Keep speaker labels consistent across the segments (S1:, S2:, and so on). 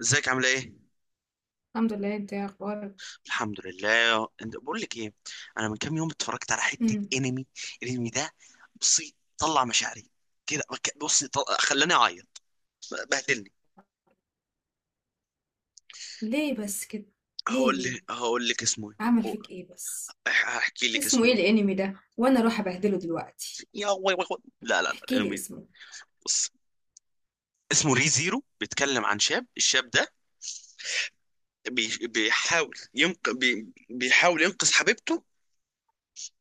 S1: ازيك، عامله ايه؟
S2: الحمد لله، انت ايه اخبارك؟
S1: الحمد لله. انت، بقول لك ايه، انا من كام يوم اتفرجت على حته
S2: امم.
S1: انمي. الانمي ده، بصي طلع مشاعري كده. خلاني اعيط. بهدلني.
S2: ليه بس كده؟ ليه
S1: هقول
S2: ليه
S1: لك هقول لك اسمه ايه.
S2: عمل
S1: هو-
S2: فيك ايه بس؟
S1: هحكي لك
S2: اسمه
S1: اسمه
S2: ايه
S1: إيه.
S2: الانمي ده؟ وانا اروح ابهدله دلوقتي.
S1: يا وي وي وي. لا لا لا
S2: احكي لي
S1: الانمي ده،
S2: اسمه.
S1: بص. اسمه ري زيرو. بيتكلم عن شاب. الشاب ده بي... بيحاول ينق... بي... بيحاول ينقذ حبيبته.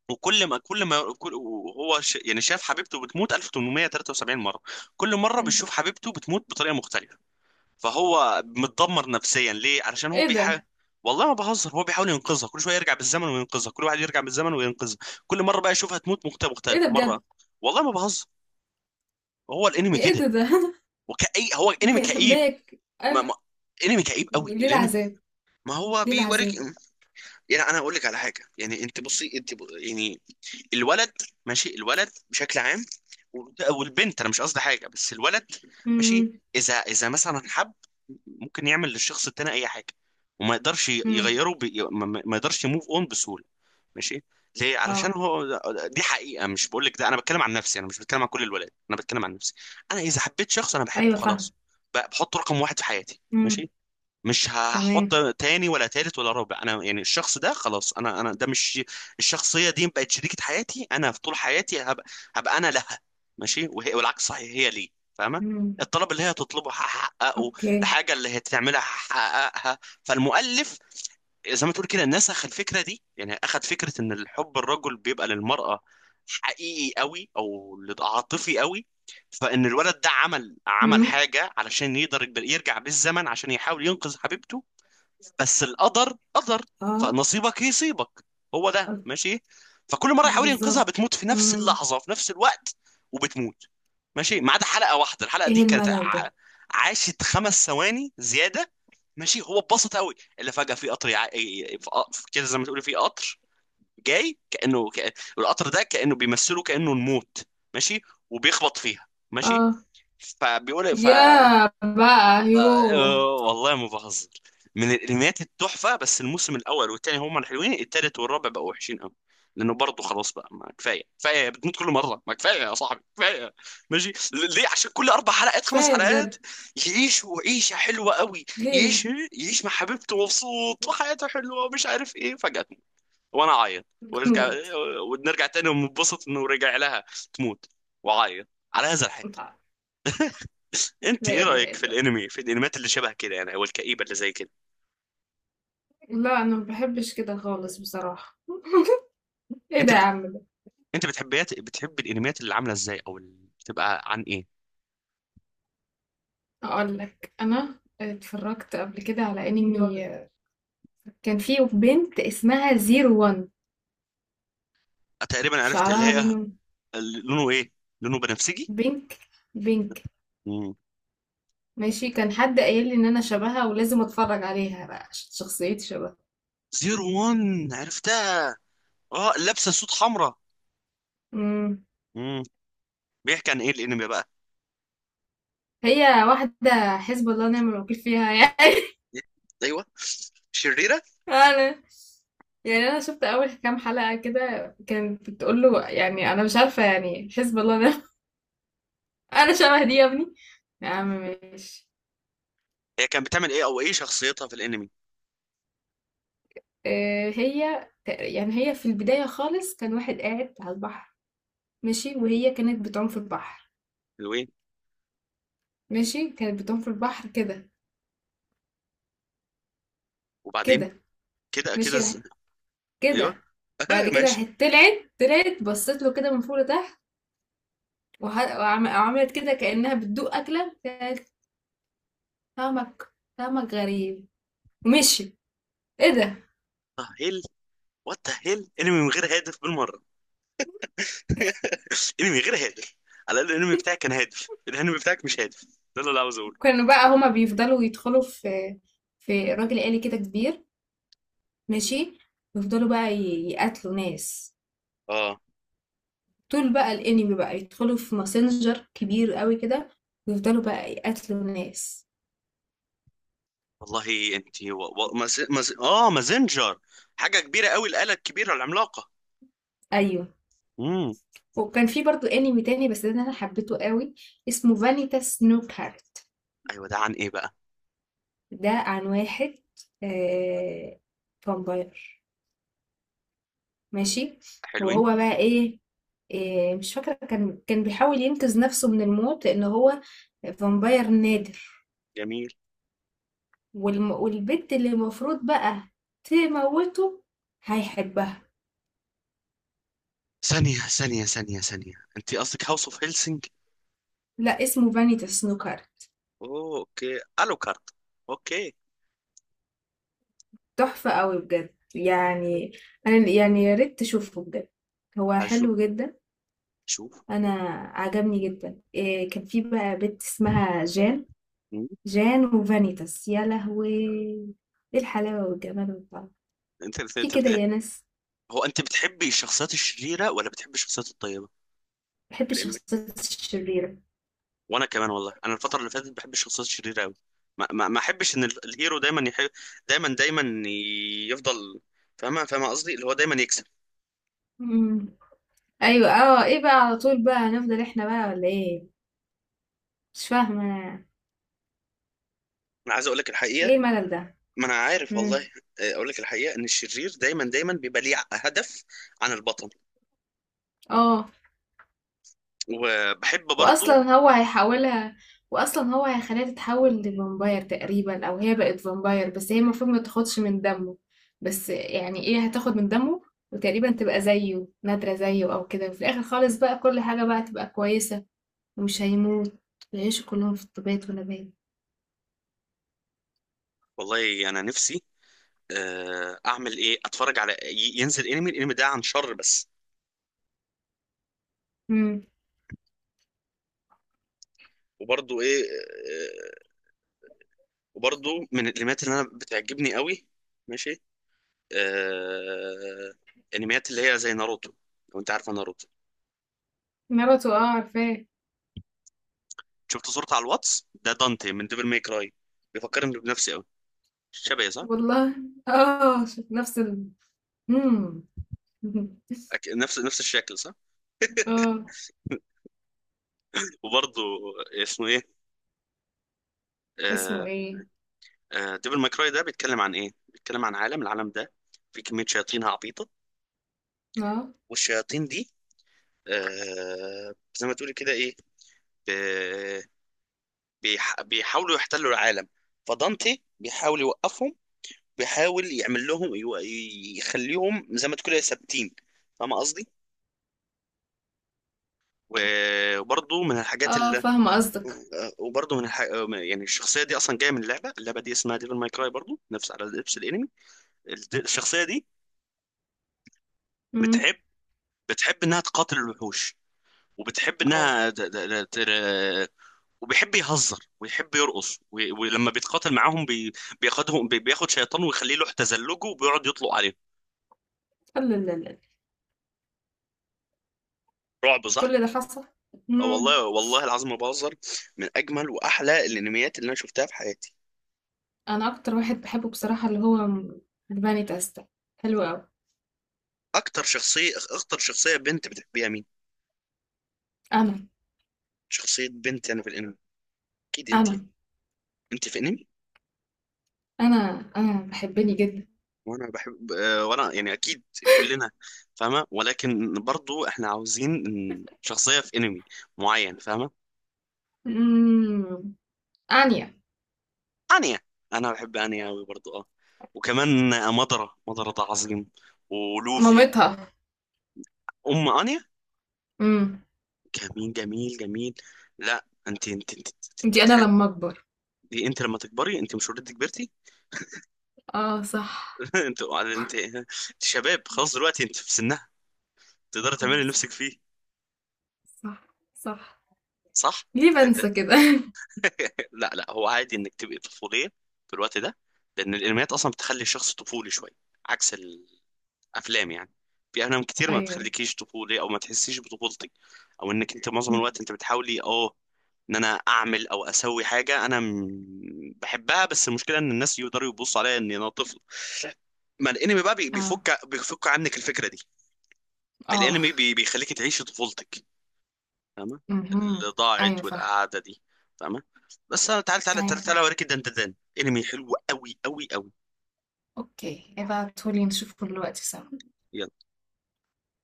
S1: وكل ما كل ما كل وهو ش... يعني شاف حبيبته بتموت 1873 مرة. كل مرة
S2: مم.
S1: بيشوف حبيبته بتموت بطريقة مختلفة. فهو متدمر نفسيا، ليه؟ علشان هو
S2: ايه
S1: بيحاول.
S2: ده؟
S1: والله ما بهزر، هو بيحاول ينقذها، كل شوية يرجع بالزمن وينقذها، كل واحد يرجع بالزمن وينقذها. كل مرة بقى يشوفها تموت مختلفة،
S2: ايه ده
S1: مختلفة مرة.
S2: بجد؟
S1: والله ما بهزر. هو الانمي
S2: ايه
S1: كده.
S2: ده؟
S1: وكأي هو انمي كئيب.
S2: ماك
S1: ما...
S2: قال.
S1: ما... انمي كئيب قوي
S2: ليه
S1: الانمي.
S2: العذاب؟
S1: ما هو
S2: ليه
S1: بيوريك.
S2: العذاب؟
S1: يعني انا اقول لك على حاجه، يعني انت بصي، يعني الولد، ماشي، الولد بشكل عام، والبنت، انا مش قصدي حاجه، بس الولد، ماشي. اذا مثلا حب، ممكن يعمل للشخص التاني اي حاجه، وما يقدرش
S2: إمم.
S1: يغيره بي... ما ما- ما يقدرش يموف اون بسهوله. ماشي، ليه؟ علشان
S2: آه.
S1: هو، دي حقيقه، مش بقول لك ده، انا بتكلم عن نفسي، انا مش بتكلم عن كل الولاد، انا بتكلم عن نفسي. انا اذا حبيت شخص، انا بحبه
S2: أيوه فاهمة.
S1: خلاص. بحطه رقم واحد في حياتي،
S2: إمم.
S1: ماشي. مش هحط
S2: تمام.
S1: تاني ولا تالت ولا رابع. انا يعني الشخص ده خلاص، انا ده مش، الشخصيه دي بقت شريكه حياتي. انا في طول حياتي هبقى، هبقى انا لها، ماشي. وهي، والعكس صحيح، هي لي، فاهمه؟
S2: إمم.
S1: الطلب اللي هي تطلبه هحققه،
S2: أوكي.
S1: الحاجه اللي هي تعملها هحققها. فالمؤلف زي ما تقول كده نسخ الفكره دي، يعني اخذ فكره ان الحب، الرجل بيبقى للمراه حقيقي قوي او عاطفي قوي. فان الولد ده عمل
S2: إمم.
S1: حاجه علشان يقدر يرجع بالزمن عشان يحاول ينقذ حبيبته. بس القدر قدر.
S2: آه.
S1: فنصيبك يصيبك. هو ده،
S2: آه.
S1: ماشي. فكل مره يحاول ينقذها،
S2: بالضبط.
S1: بتموت في نفس
S2: إمم.
S1: اللحظه، في نفس الوقت، وبتموت. ماشي، ما عدا حلقه واحده. الحلقه دي
S2: إيه
S1: كانت
S2: الملل ده؟
S1: عاشت خمس ثواني زياده، ماشي. هو اتبسط قوي اللي فجاه في قطر، في كده، زي ما تقولي في قطر جاي، كانه القطر ده كانه بيمثله، كانه الموت، ماشي. وبيخبط فيها، ماشي.
S2: آه.
S1: فبيقول ف
S2: ياه بقى، يوه!
S1: آه، والله ما بهزر. من الانميات التحفه، بس الموسم الاول والثاني هما الحلوين، الثالث والرابع بقوا وحشين قوي. لانه برضه خلاص بقى، ما كفايه كفايه، بتموت كل مره، ما كفايه يا صاحبي، كفايه. ماشي، ليه؟ عشان كل اربع حلقات، خمس
S2: كفاية
S1: حلقات،
S2: بجد.
S1: يعيش عيشه حلوه قوي. يعيش
S2: ليه؟
S1: يعيش مع حبيبته مبسوط، وحياته حلوه، ومش عارف ايه، فجأة تموت. وانا اعيط، وارجع،
S2: بتموت.
S1: ونرجع تاني وننبسط انه رجع لها، تموت، وعيط، على هذا الحال.
S2: اتع
S1: انت
S2: لا
S1: ايه
S2: إله
S1: رايك
S2: إلا
S1: في الانميات اللي شبه كده يعني، او الكئيبه اللي زي كده؟
S2: الله، لا أنا ما باحبش كده خالص بصراحة. إيه ده
S1: انت
S2: يا
S1: بت...
S2: عم ده؟
S1: انت بتحبيات بتحب الانميات اللي عامله ازاي، او اللي بتبقى عن ايه؟
S2: هاقول لك، أنا اتفرّجت قبل كده على أنمي. كان في بنت اسمها zero one،
S1: تقريبا عرفت اللي
S2: شعرها
S1: هي،
S2: لونه
S1: اللي لونه ايه؟ لونه بنفسجي؟
S2: بينك، بينك.
S1: امم.
S2: ماشي، كان حد قايل لي ان انا شبهها ولازم اتفرج عليها بقى عشان شخصيتي شبهها.
S1: زيرو وان، عرفتها. اه، لابسه سوت حمراء.
S2: امم.
S1: امم. بيحكي عن ايه الانمي بقى؟
S2: هي واحده حسب الله ونعم الوكيل فيها يعني.
S1: ايوه، شريره.
S2: انا انا شفت اول كام حلقه كده، كانت بتقول له يعني انا مش عارفه يعني حسب الله ونعم. انا شبه دي يا ابني. يا عم ماشي.
S1: هي كانت بتعمل ايه، او ايه شخصيتها في الانمي؟
S2: آه. يعني هي في البدايه خالص، كان واحد قاعد على البحر. ماشي، وهي كانت بتعوم في البحر.
S1: اللي هو ايه؟
S2: ماشي كانت بتعوم في البحر كده.
S1: وبعدين؟
S2: كده
S1: كده كده
S2: ماشي
S1: ايوه،
S2: كده. وبعد كده
S1: ماشي.
S2: طلعت بصيت له كده من فوق لتحت، وعملت كده كأنها بتدوق أكلة. قالت طعمك، طعمك غريب ومشي. ايه ده؟
S1: اه هيل، وات ذا هيل، انمي من غير هدف بالمره. انمي غير هادف. على الاقل الانمي بتاعك كان هادف، الانمي بتاعك مش هادف، ده اللي انا عاوز اقوله.
S2: كانوا بقى هما بيفضلوا يدخلوا في راجل آلي كده كبير. ماشي، يفضلوا بقى يقتلوا ناس.
S1: اه
S2: طول بقى الانمي بقى يدخلوا في ماسنجر كبير قوي كده، ويفضلوا بقى يقتلوا ناس.
S1: والله انت و... و... مز... مز... اه مازنجر، حاجه كبيره قوي، الاله الكبيره العملاقه.
S2: ايوه.
S1: امم.
S2: وكان في برضو انمي تاني بس ده انا حبيته قوي، اسمه فانيتا سنوكر.
S1: ايوه ده عن ايه بقى؟
S2: ده عن واحد، آه، فامباير. ماشي.
S1: حلوين،
S2: وهو بقى ايه؟ آه، مش فاكرة، كان بيحاول ينقذ نفسه من الموت لأن هو فامباير نادر.
S1: جميل.
S2: والبنت اللي المفروض بقى تموته هيحبها.
S1: ثانيه ثانيه ثانيه ثانيه، انت قصدك هاوس اوف هيلسنج؟
S2: لا، اسمه فانيتا سنوكر.
S1: اوه اوكي، الو كارت. اوكي.
S2: تحفة قوي بجد يعني. أنا يعني يا ريت تشوفه بجد، هو
S1: هشوف،
S2: حلو جدا.
S1: شوف.
S2: أنا عجبني جدا. إيه، كان في بقى بنت اسمها جان.
S1: مم.
S2: جان وفانيتاس يا لهوي، ايه الحلاوة والجمال والطعم!
S1: انت
S2: في
S1: انت
S2: كده
S1: بت...
S2: يا ناس.
S1: هو انت بتحبي الشخصيات الشريره ولا بتحبي الشخصيات الطيبه؟
S2: بحب
S1: الانمي،
S2: الشخصيات الشريرة.
S1: وانا كمان والله، انا الفتره اللي فاتت بحب الشخصيات الشريره قوي. ما احبش ان الهيرو دايما يحب، دايما دايما يفضل، فاهمه؟ فاهمه قصدي، اللي هو دايما يكسب.
S2: مم. ايوه، اه، ايه بقى، على طول بقى هنفضل احنا بقى ولا ايه؟ مش فاهمة أنا.
S1: انا عايز اقول لك الحقيقه،
S2: ايه الملل ده؟
S1: ما انا عارف والله.
S2: مم.
S1: اقول لك الحقيقه، ان الشرير دايما دايما بيبقى ليه هدف عن البطل،
S2: اه.
S1: وبحب برضو.
S2: واصلا هو هيحولها، واصلا هو هيخليها تتحول لفامباير تقريبا، او هي بقت فامباير بس هي المفروض ما تاخدش من دمه. بس يعني ايه، هتاخد من دمه، وتقريبا تبقى زيه نادرة زيه او كده، وفي الاخر خالص بقى كل حاجة بقى تبقى كويسة، ومش هيموت، ويعيشوا كلهم في طبيعة ونبات.
S1: والله انا نفسي، اعمل ايه، اتفرج على، ينزل انمي، الانمي ده عن شر بس.
S2: امم.
S1: وبرضو ايه، وبرضو من الانميات اللي انا بتعجبني قوي، ماشي. آه... انميات اللي هي زي ناروتو، لو انت عارفه ناروتو.
S2: ناروتو، اه عارفاه.
S1: شفت صورته على الواتس، ده دانتي من ديفل ماي كراي، بيفكرني بنفسي قوي. شبهي صح؟
S2: والله. اه شوف نفس ال مم.
S1: نفس نفس الشكل صح؟
S2: اه.
S1: وبرضه اسمه ايه،
S2: اسمه
S1: آه...
S2: ايه؟
S1: ديفل ماي كراي ده بيتكلم عن ايه؟ بيتكلم عن عالم، العالم ده، في كميه شياطين عبيطه.
S2: اه
S1: والشياطين دي زي ما تقولي كده ايه، ب... بيحاولوا يحتلوا العالم. فدانتي بيحاول يوقفهم، بيحاول يعمل لهم يخليهم زي ما تقول إيه، ثابتين. فاهم قصدي؟ وبرضه من الحاجات
S2: اه
S1: اللي
S2: فاهمة قصدك.
S1: آه، وبرضه من الح... آه، يعني الشخصيه دي اصلا جايه من لعبه. اللعبه دي اسمها ديفل ماي كراي برضه، نفس على نفس الانمي. الشخصيه دي
S2: امم.
S1: بتحب بتحب انها تقاتل الوحوش، وبتحب
S2: اه.
S1: انها وبيحب يهزر، ويحب يرقص، ولما بيتقاتل معاهم، بياخد شيطان ويخليه له تزلجه، وبيقعد يطلق عليه.
S2: لا لا لا لا.
S1: رعب، صح؟
S2: كل ده حصل.
S1: اه
S2: امم.
S1: والله، والله العظيم ما بهزر. من اجمل واحلى الانميات اللي انا شفتها في حياتي.
S2: انا اكتر واحد بحبه بصراحة اللي هو الباني تاستا، حلو قوي.
S1: اكتر شخصيه بنت بتحبيها مين؟
S2: انا
S1: شخصيه بنت يعني في الانمي، اكيد انت يعني.
S2: انا
S1: انت في انمي،
S2: انا بحبني جدا.
S1: وانا بحب آه، وانا يعني اكيد، كلنا فاهمه، ولكن برضو احنا عاوزين إن شخصيه في انمي معين، فاهمه؟
S2: امم. انيا،
S1: انيا. انا بحب انيا قوي برضو، اه. وكمان مضرة، مضرة ده عظيم، ولوفي.
S2: مامتها.
S1: ام انيا،
S2: امم.
S1: جميل جميل جميل. لا انت انت انت,
S2: دي انا
S1: انت, انت,
S2: لما اكبر.
S1: دي انت لما تكبري، انت مش اوريدي كبرتي.
S2: آه صح.
S1: انت انت شباب خلاص دلوقتي، انت في سنها، تقدري تعملي
S2: آه
S1: اللي
S2: صح،
S1: نفسك فيه،
S2: صح، صح.
S1: صح؟
S2: ليه
S1: انت-
S2: بنسى كده؟
S1: لا لا، هو عادي انك تبقي طفوليه في الوقت ده، لان الانميات اصلا بتخلي الشخص طفولي شويه، عكس الافلام يعني. في افلام كتير ما
S2: أيوه.
S1: بتخليكيش طفولي، او ما تحسيش بطفولتك، او انك انت معظم
S2: مم.
S1: الوقت انت بتحاولي، ان انا اعمل او اسوي حاجه انا بحبها، بس المشكله ان الناس يقدروا يبصوا عليا ان انا طفل. ما الانمي بقى
S2: آه
S1: بيفك عنك الفكره دي،
S2: آه.
S1: الانمي بيخليك تعيشي طفولتك، فاهمه؟ اللي
S2: مهم. أيوه
S1: ضاعت
S2: فاهم.
S1: والقعده دي، فاهمه؟ بس انا، تعال تعال
S2: أيوه
S1: تعال
S2: فاهم.
S1: تعال اوريك الدندان، انمي حلو قوي قوي قوي.
S2: أوكي، ابعتهولي نشوفه دلوقتي سوا.